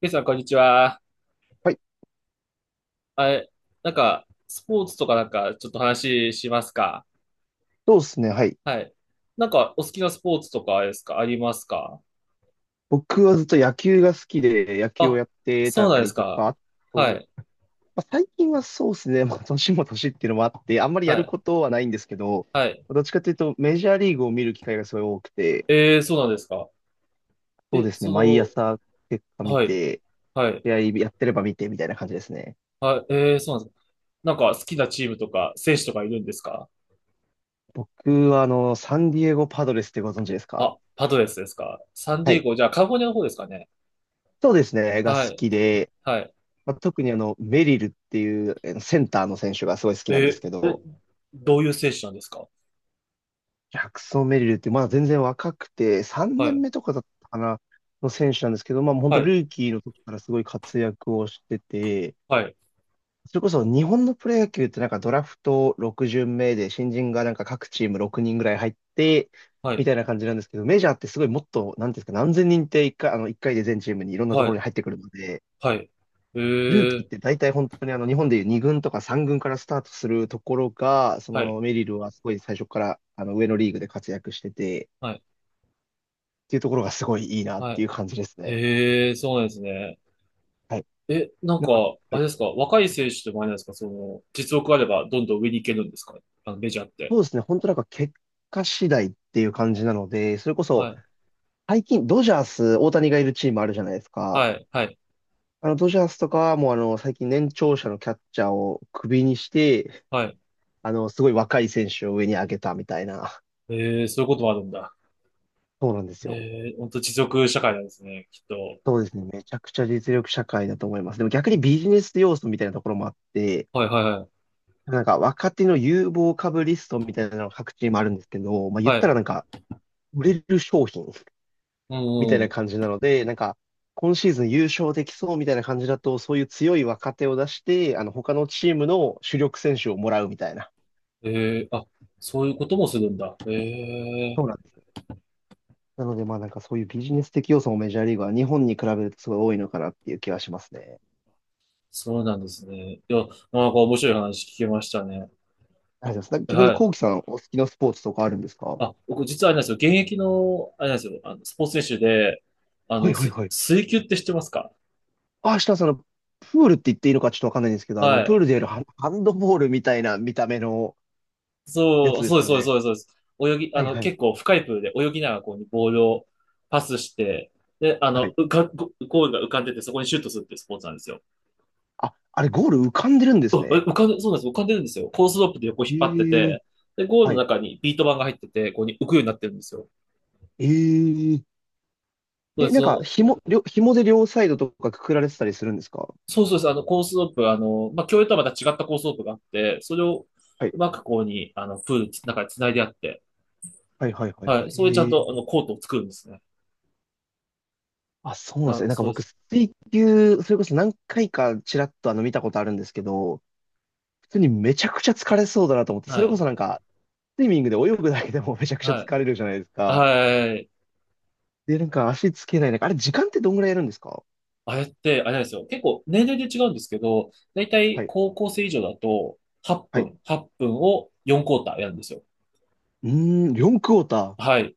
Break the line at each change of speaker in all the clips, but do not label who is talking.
ケイさん、こんにちは。
はい。
あれ、なんか、スポーツとかなんか、ちょっと話しますか？
そうですね。はい。
はい。なんか、お好きなスポーツとかですかありますか？
僕はずっと野球が好きで、野球を
あ、
やって
そう
た
なんで
り
す
と
か。
か、あ
は
と、
い、
まあ、最近はそうですね。まあ、年も年っていうのもあって、あんまり
は
やる
い、
ことはないんですけど、
はい。
どっちかというと、メジャーリーグを見る機会がすごい多くて、
えー、そうなんですか。
そう
え、
ですね。毎
そ
朝結果
の、
見
はい、
て、
はい、
試合やってれば見てみたいな感じですね。
はい、えー、そうなんですか。なんか、好きなチームとか、選手とかいるんですか？
僕は、サンディエゴパドレスってご存知ですか？
あ、パドレスですか。サン
は
ディエ
い。
ゴ、じゃあ、カリフォルニアの方ですかね。
そうですね。が好
はい、
きで、
はい。
まあ、特にメリルっていうセンターの選手がすごい好きなんです
え、
け
え、
ど、
どういう選手なんですか？
ジャクソン・メリルって、まだ全然若くて、3
は
年
い、
目とかだったかな、の選手なんですけど、まあ本
は
当
い、
ルーキーの時からすごい活躍をしてて、
はい、
それこそ日本のプロ野球ってなんかドラフト6巡目で新人がなんか各チーム6人ぐらい入って、
は
み
い。
たいな感じなんですけど、メジャーってすごいもっと、なんていうんですか、何千人って1回、一回で全チームにいろんなと
は
ころ
い
に入ってくるので、
はい。え
ルーキー
え、
って大体本当に日本でいう2軍とか3軍からスタートするところが、そ
はい、
のメリルはすごい最初から上のリーグで活躍してて、
はい、
っていうところがすごいいいなっ
は
てい
い。
う感じですね。
ええ、そうなんですね。
はい。
え、なん
なん
か、
か、
あ
はい。
れですか、若い選手でもあれなんですか、その、実力あればどんどん上に行けるんですか？あの、メジャーって。
そうですね。本当なんか結果次第っていう感じなので、それこ
は
そ
い、
最近ドジャース、大谷がいるチームあるじゃないですか。
はい、はい、
ドジャースとかはもう最近年長者のキャッチャーをクビにして、
はい。
すごい若い選手を上に上げたみたいな。
ええ、そういうこともあるんだ。
そうなんですよ。
ええ、ほんと実力社会なんですね、きっと。
そうですね。めちゃくちゃ実力社会だと思います。でも逆にビジネス要素みたいなところもあって、
はい、はい、は
なんか若手の有望株リストみたいなのが各チームあるんですけど、まあ
い、
言っ
は
た
い。
らなんか売れる商品
う
みたい
んう
な
ん。
感じなので、なんか、今シーズン優勝できそうみたいな感じだと、そういう強い若手を出して、他のチームの主力選手をもらうみたいな。
ええ、あ、そういうこともするんだ。ええ、
そうなんですよ。なので、まあなんかそういうビジネス的要素もメジャーリーグは日本に比べるとすごい多いのかなっていう気はしますね。
そうなんですね。いや、なんか面白い話聞けましたね。
ありがとうございます。逆
は
に、
い。
コウキさん、お好きなスポーツとかあるんですか？は
あ、僕実はあれなんですよ。現役の、あれなんですよ。あの、スポーツ選手で、あの、
いはいはい。
水球って知ってますか？
あ、下さん、プールって言っていいのかちょっとわかんないんですけど、
は
プー
い。
ルでやるハンドボールみたいな見た目のや
そ
つ
う、
で
そ
す
うで
か
す、そうです、
ね。
そうです、そうです。泳ぎ、あ
はい
の、
はい。
結構深いプールで泳ぎながらこうね、ボールをパスして、で、あ
は
の、
い。
ゴールが浮かんでて、そこにシュートするっていうスポーツなんですよ。
あ、あれゴール浮かんでるんで
う
す
わえ
ね。
浮かんで、そうなんです、浮かんでるんですよ。コースロープで横引っ張って
ええ。
て、で、ゴール
は
の
い。
中にビート板が入ってて、ここに浮くようになってるんですよ。
え
そ
え
う
え、
で
なんか、
す、
紐で両サイドとかくくられてたりするんですか？
そうそうです。あの、コースロープ、あの、まあ、競泳とはまた違ったコースロープがあって、それを
はい。
うまくこうに、あの、プールの中に繋いであって、
はい、はい、はい、
は
は
い。
い。
それでちゃん
ええ。
と、あの、コートを作るんですね。
あ、そうなんです
あ、
ね。なんか
そうで
僕、
す。
水球、それこそ何回かちらっと見たことあるんですけど、普通にめちゃくちゃ疲れそうだなと思って、そ
は
れこ
い。
そなんか、スイミングで泳ぐだけでも めちゃくちゃ
は
疲れるじゃないです
い。
か。
はい。
で、なんか足つけない。なんか、あれ、時間ってどんぐらいやるんですか？
あれって、あれなんですよ。結構、年齢で違うんですけど、だいたい
はい、
高校生以上だと、8
はい。
分、8分を4クォーターやるんですよ。
うーん、4クォーター。
はい。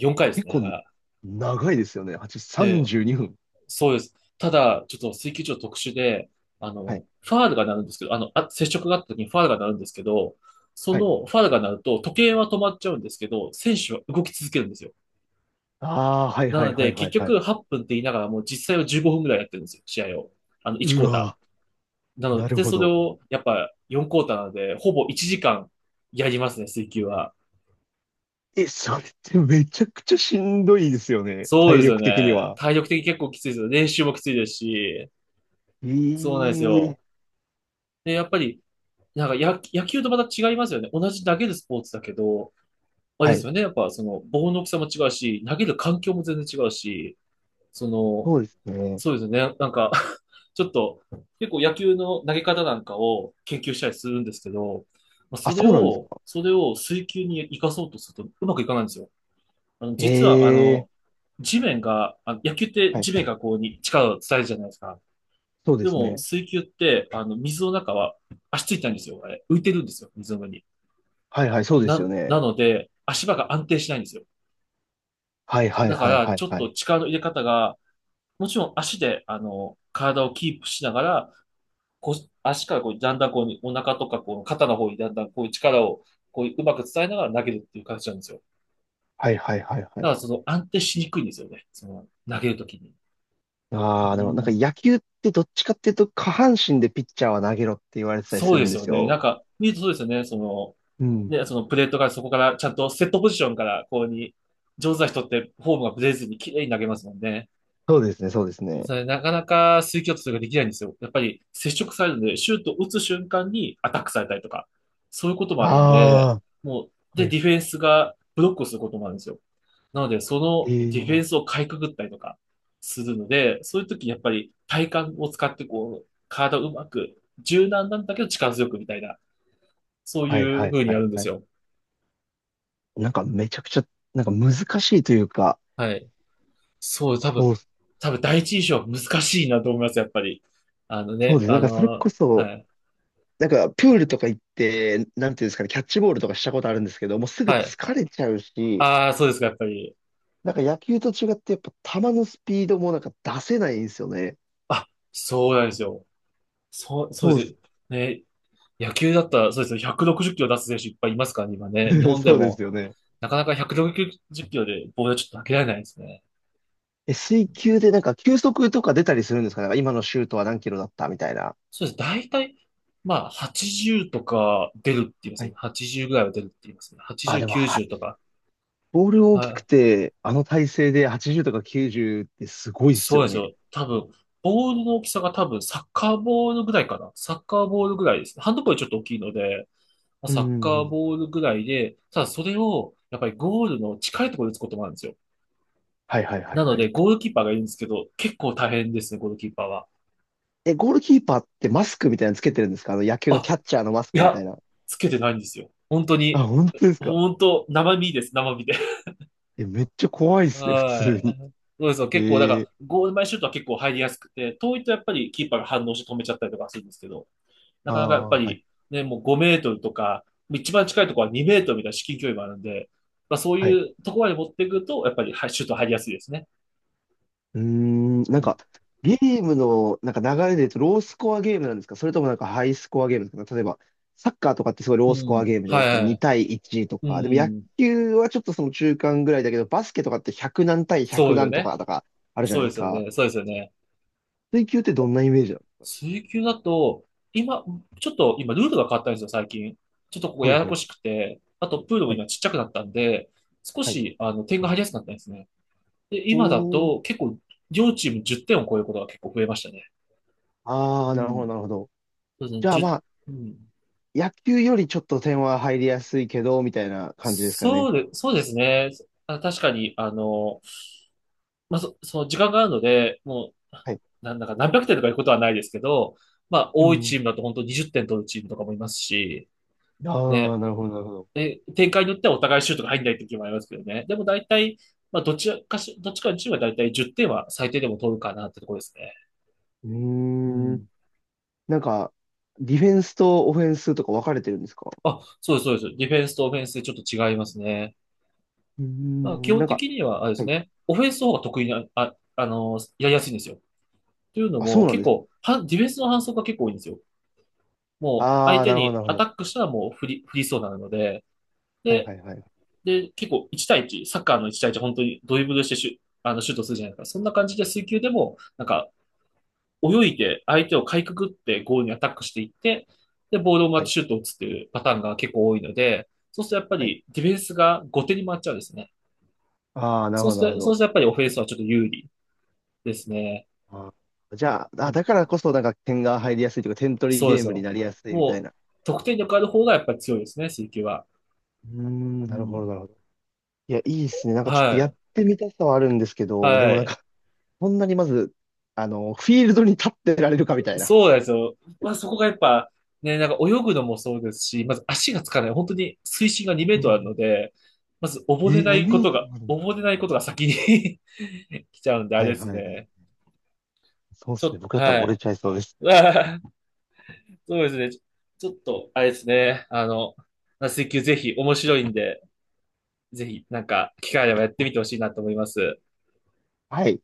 4回です
結
ね。だか
構、
ら。
長いですよね。8、
で、
32分。
そうです。ただ、ちょっと水球場特殊で、あ
はい。
の、ファールが鳴るんですけど、あの、あ、接触があった時にファールが鳴るんですけど、そ
はい。
のファールが鳴ると時計は止まっちゃうんですけど、選手は動き続けるんですよ。
ああ、はい
な
はい
の
は
で、
いは
結
いは
局
い。
8分って言いながらもう実際は15分ぐらいやってるんですよ、試合を。あの、1ク
う
ォータ
わ
ー。な
ー、
の
なる
で、
ほ
それ
ど。
をやっぱ4クォーターなので、ほぼ1時間やりますね、水球は。
え、それってめちゃくちゃしんどいですよね。
そうで
体
すよ
力的に
ね。
は。
体力的に結構きついですよ。練習もきついですし、そう
え
なんです
え。
よ。で、やっぱりなんか野球とまた違いますよね。同じ投げるスポーツだけど、あれ
は
です
い。
よね。やっぱその棒の大きさも違うし、投げる環境も全然違うし、その、
そうですね。
そうですね。なんか ちょっと結構野球の投げ方なんかを研究したりするんですけど、まあ、
あ、
それ
そうなんです
を、
か。
それを水球に生かそうとするとうまくいかないんですよ。あの、実はあ
ええ。
の、地面が、あの野球って
はい。
地面がこうに力を伝えるじゃないですか。
そうで
で
す
も
ね。
水球って、あの、水の中は足ついたんですよ。あれ浮いてるんですよ。水の上に。
はいはい、そうですよ
な
ね。
ので、足場が安定しないんですよ。
はいはい
だか
はい
ら、
は
ち
い
ょっ
はい。
と力の入れ方が、もちろん足で、あの、体をキープしながら、こう、足からこう、だんだんこう、お腹とか、こう、肩の方にだんだんこう、力を、こう、うまく伝えながら投げるっていう形なんですよ。
はいはいはいは
だ
い。
から、その、安定しにくいんですよね。その、投げるときに。
あ
う
あ、でもなんか
ん、
野球ってどっちかっていうと下半身でピッチャーは投げろって言われてたりす
そう
る
で
ん
す
で
よ
す
ね。な
よ。
んか、見るとそうですよね。その、
うん。
ね、そのプレートがそこから、ちゃんとセットポジションから、こうに、上手な人ってフォームがブレずに綺麗に投げますもんね。
そうですね、そうですね。
それなかなか水球とができないんですよ。やっぱり接触されるので、シュートを打つ瞬間にアタックされたりとか、そういうこともあるんで、
あ
もう、
あ、
で、
はい。
ディフェンスがブロックをすることもあるんですよ。なので、そのディフ
え
ェ
え。
ンスをかいくぐったりとかするので、そういう時にやっぱり体幹を使ってこう、体をうまく、柔軟なんだけど力強くみたいな、そうい
はいは
う
い
風に
は
や
い
るんで
は
す
い。
よ。
なんかめちゃくちゃ、なんか難しいというか、
はい。そう、多
そう、
分、多分第一印象は難しいなと思います、やっぱり。あの
そう
ね、
です。な
あ
んかそれこ
の、
そ、
はい。
なんかプールとか行って、なんていうんですかね、キャッチボールとかしたことあるんですけど、もうすぐ
はい。
疲れちゃうし、
ああ、そうですか、やっぱり。
なんか野球と違ってやっぱ球のスピードもなんか出せないんですよね。
あ、そうなんですよ。そう、そう
そうっ
で
す、
す。ね、野球だったら、そうですよ。160キロ出す選手いっぱいいますからね、今ね。日 本で
そうで
も、
すよね。
なかなか160キロでボールはちょっと投げられないですね。
え、水球でなんか球速とか出たりするんですか？なんか今のシュートは何キロだったみたいな。
そうです。大体、まあ、80とか出るって言います
は
ね。
い。
80ぐらいは出るって言いますね。
あ、
80、
でも、
90とか。
ボール大
は
きく
い。
て、あの体勢で80とか90ってすごいっ
そ
す
うな
よ
んです
ね。
よ。多分、ボールの大きさが多分、サッカーボールぐらいかな。サッカーボールぐらいですね。ハンドボールちょっと大きいので、まあ
うん
サッ
う
カ
んう
ー
ん。
ボールぐらいで、ただそれを、やっぱりゴールの近いところで打つこともあるんですよ。
はいはいはい
なの
は
で、
い。
ゴールキーパーがいるんですけど、結構大変ですね、ゴールキーパーは。
え、ゴールキーパーってマスクみたいなのつけてるんですか？あの野球の
あ、
キャッチャーのマス
い
クみた
や、
いな。
つけてないんですよ。本当
あ、
に、
本当ですか？
本当、生身です、生身で。
え、めっちゃ怖いですね、普
は
通に。
い。そうですよ。結構、だか
ええ。
ら、ゴール前シュートは結構入りやすくて、遠いとやっぱりキーパーが反応して止めちゃったりとかするんですけど、な
あ
かなかやっ
あ、
ぱ
はい。
り、ね、もう5メートルとか、一番近いところは2メートルみたいな至近距離もあるんで、まあそう
は
い
い。
うところまで持っていくと、やっぱりはいシュート入りやすいですね。
うーん、な
う
ん
ん。
か、ゲームの、なんか流れで言うと、ロースコアゲームなんですか？それともなんかハイスコアゲームですか？例えば、サッカーとかってすごいロ
う
ースコア
ん。
ゲームじゃない
は
ですか。
いは
2
い。
対1と
う
か。でも野
ん。
球はちょっとその中間ぐらいだけど、バスケとかって100何対
そう
100
ですよ
何と
ね。
かとかあるじゃ
そう
ない
で
です
すよ
か。
ね。そうですよね。
水球ってどんなイメージなの？
水球だと、今、ちょっと今ルールが変わったんですよ、最近。ちょっとここ
は
や
い
や
は
こ
い
しくて、あとプールも
はい。
今ちっちゃくなったんで、少
はい。
し、あの、点が入りやすくなったんですね。で、
お
今だ
ー。
と結構、両チーム10点を超えることが結構増えましたね。
あ
う
あ、なるほど、
ん。
なるほど。
そうですね、
じゃあま
1
あ、
ううん。
野球よりちょっと点は入りやすいけど、みたいな感じですかね。
そうで、そうですね。あ、確かに、あの、まあ、その時間があるので、もう、
はい。
なんだか何百点とかいうことはないですけど、まあ、
う
多いチ
ん。
ームだと本当に20点取るチームとかもいますし、
あ
ね、
あ、なるほど、なるほど。
え、展開によってはお互いシュートが入んない時もありますけどね。でも大体、まあ、どっちかのチームは大体10点は最低でも取るかなってところですね。
うー
う
ん。
ん。
なんか、ディフェンスとオフェンスとか分かれてるんですか？
あ、そうです、そうです。ディフェンスとオフェンスでちょっと違いますね。
うー
まあ、基
ん。な
本
んか、
的には、あれで
は
す
い。
ね、オフェンスの方が得意な、あ、あの、やりやすいんですよ。というの
あ、そ
も、
うなん
結
です。
構、ディフェンスの反則が結構多いんですよ。もう
あ
相
あ、
手
なるほど、な
に
るほ
アタ
ど。
ックしたらもう振りそうなので、
はいは
で、
いはい。
で、結構1対1、サッカーの1対1、本当にドリブルしてあのシュートするじゃないですか。そんな感じで水球でも、なんか、泳いで相手をかいくぐってゴールにアタックしていって、で、ボールを回っ
はい。
てシュートを打つっていうパターンが結構多いので、そうするとやっぱ
はい。
りディフェンスが後手に回っちゃうんですね。
ああ、なる
そ
ほ
う
ど、
す
なる
る
ほ
と、そう
ど。
するとやっぱりオフェンスはちょっと有利ですね。
あー、じゃあ、
う
あ、
ん、
だからこそなんか点が入りやすいというか、点取り
そうで
ゲー
す
ムに
よ。
なりやすいみた
も
い
う、
な。
得点力ある方がやっぱり強いですね、水球は。
うーん、
う
なるほど、
ん。
なるほど。いや、いいですね。なんかちょっ
は
とやっ
い。
てみたさはあるんですけど、で
は
もなん
い。
か、こんなにまず、フィールドに立ってられるかみたいな。
そうなんですよ。まあ、そこがやっぱ、ね、なんか泳ぐのもそうですし、まず足がつかない。本当に水深が2メー
う
トルあるの
ん。
で、まず
え
溺れ
ー、
な
2
い
メ
こ
ー
と
トル
が、
もあるんだ。
溺れないことが先に 来ちゃうんで、あ
は
れで
いは
す
いはい。
ね。
そうで
ち
す
ょ
ね。
っ
僕
と、
だったら
は
溺れ
い。
ちゃいそうです。
あーそうですね。ちょっと、あれですね。あの、水球ぜひ面白いんで、ぜひ、なんか、機会あればやってみてほしいなと思います。
はい。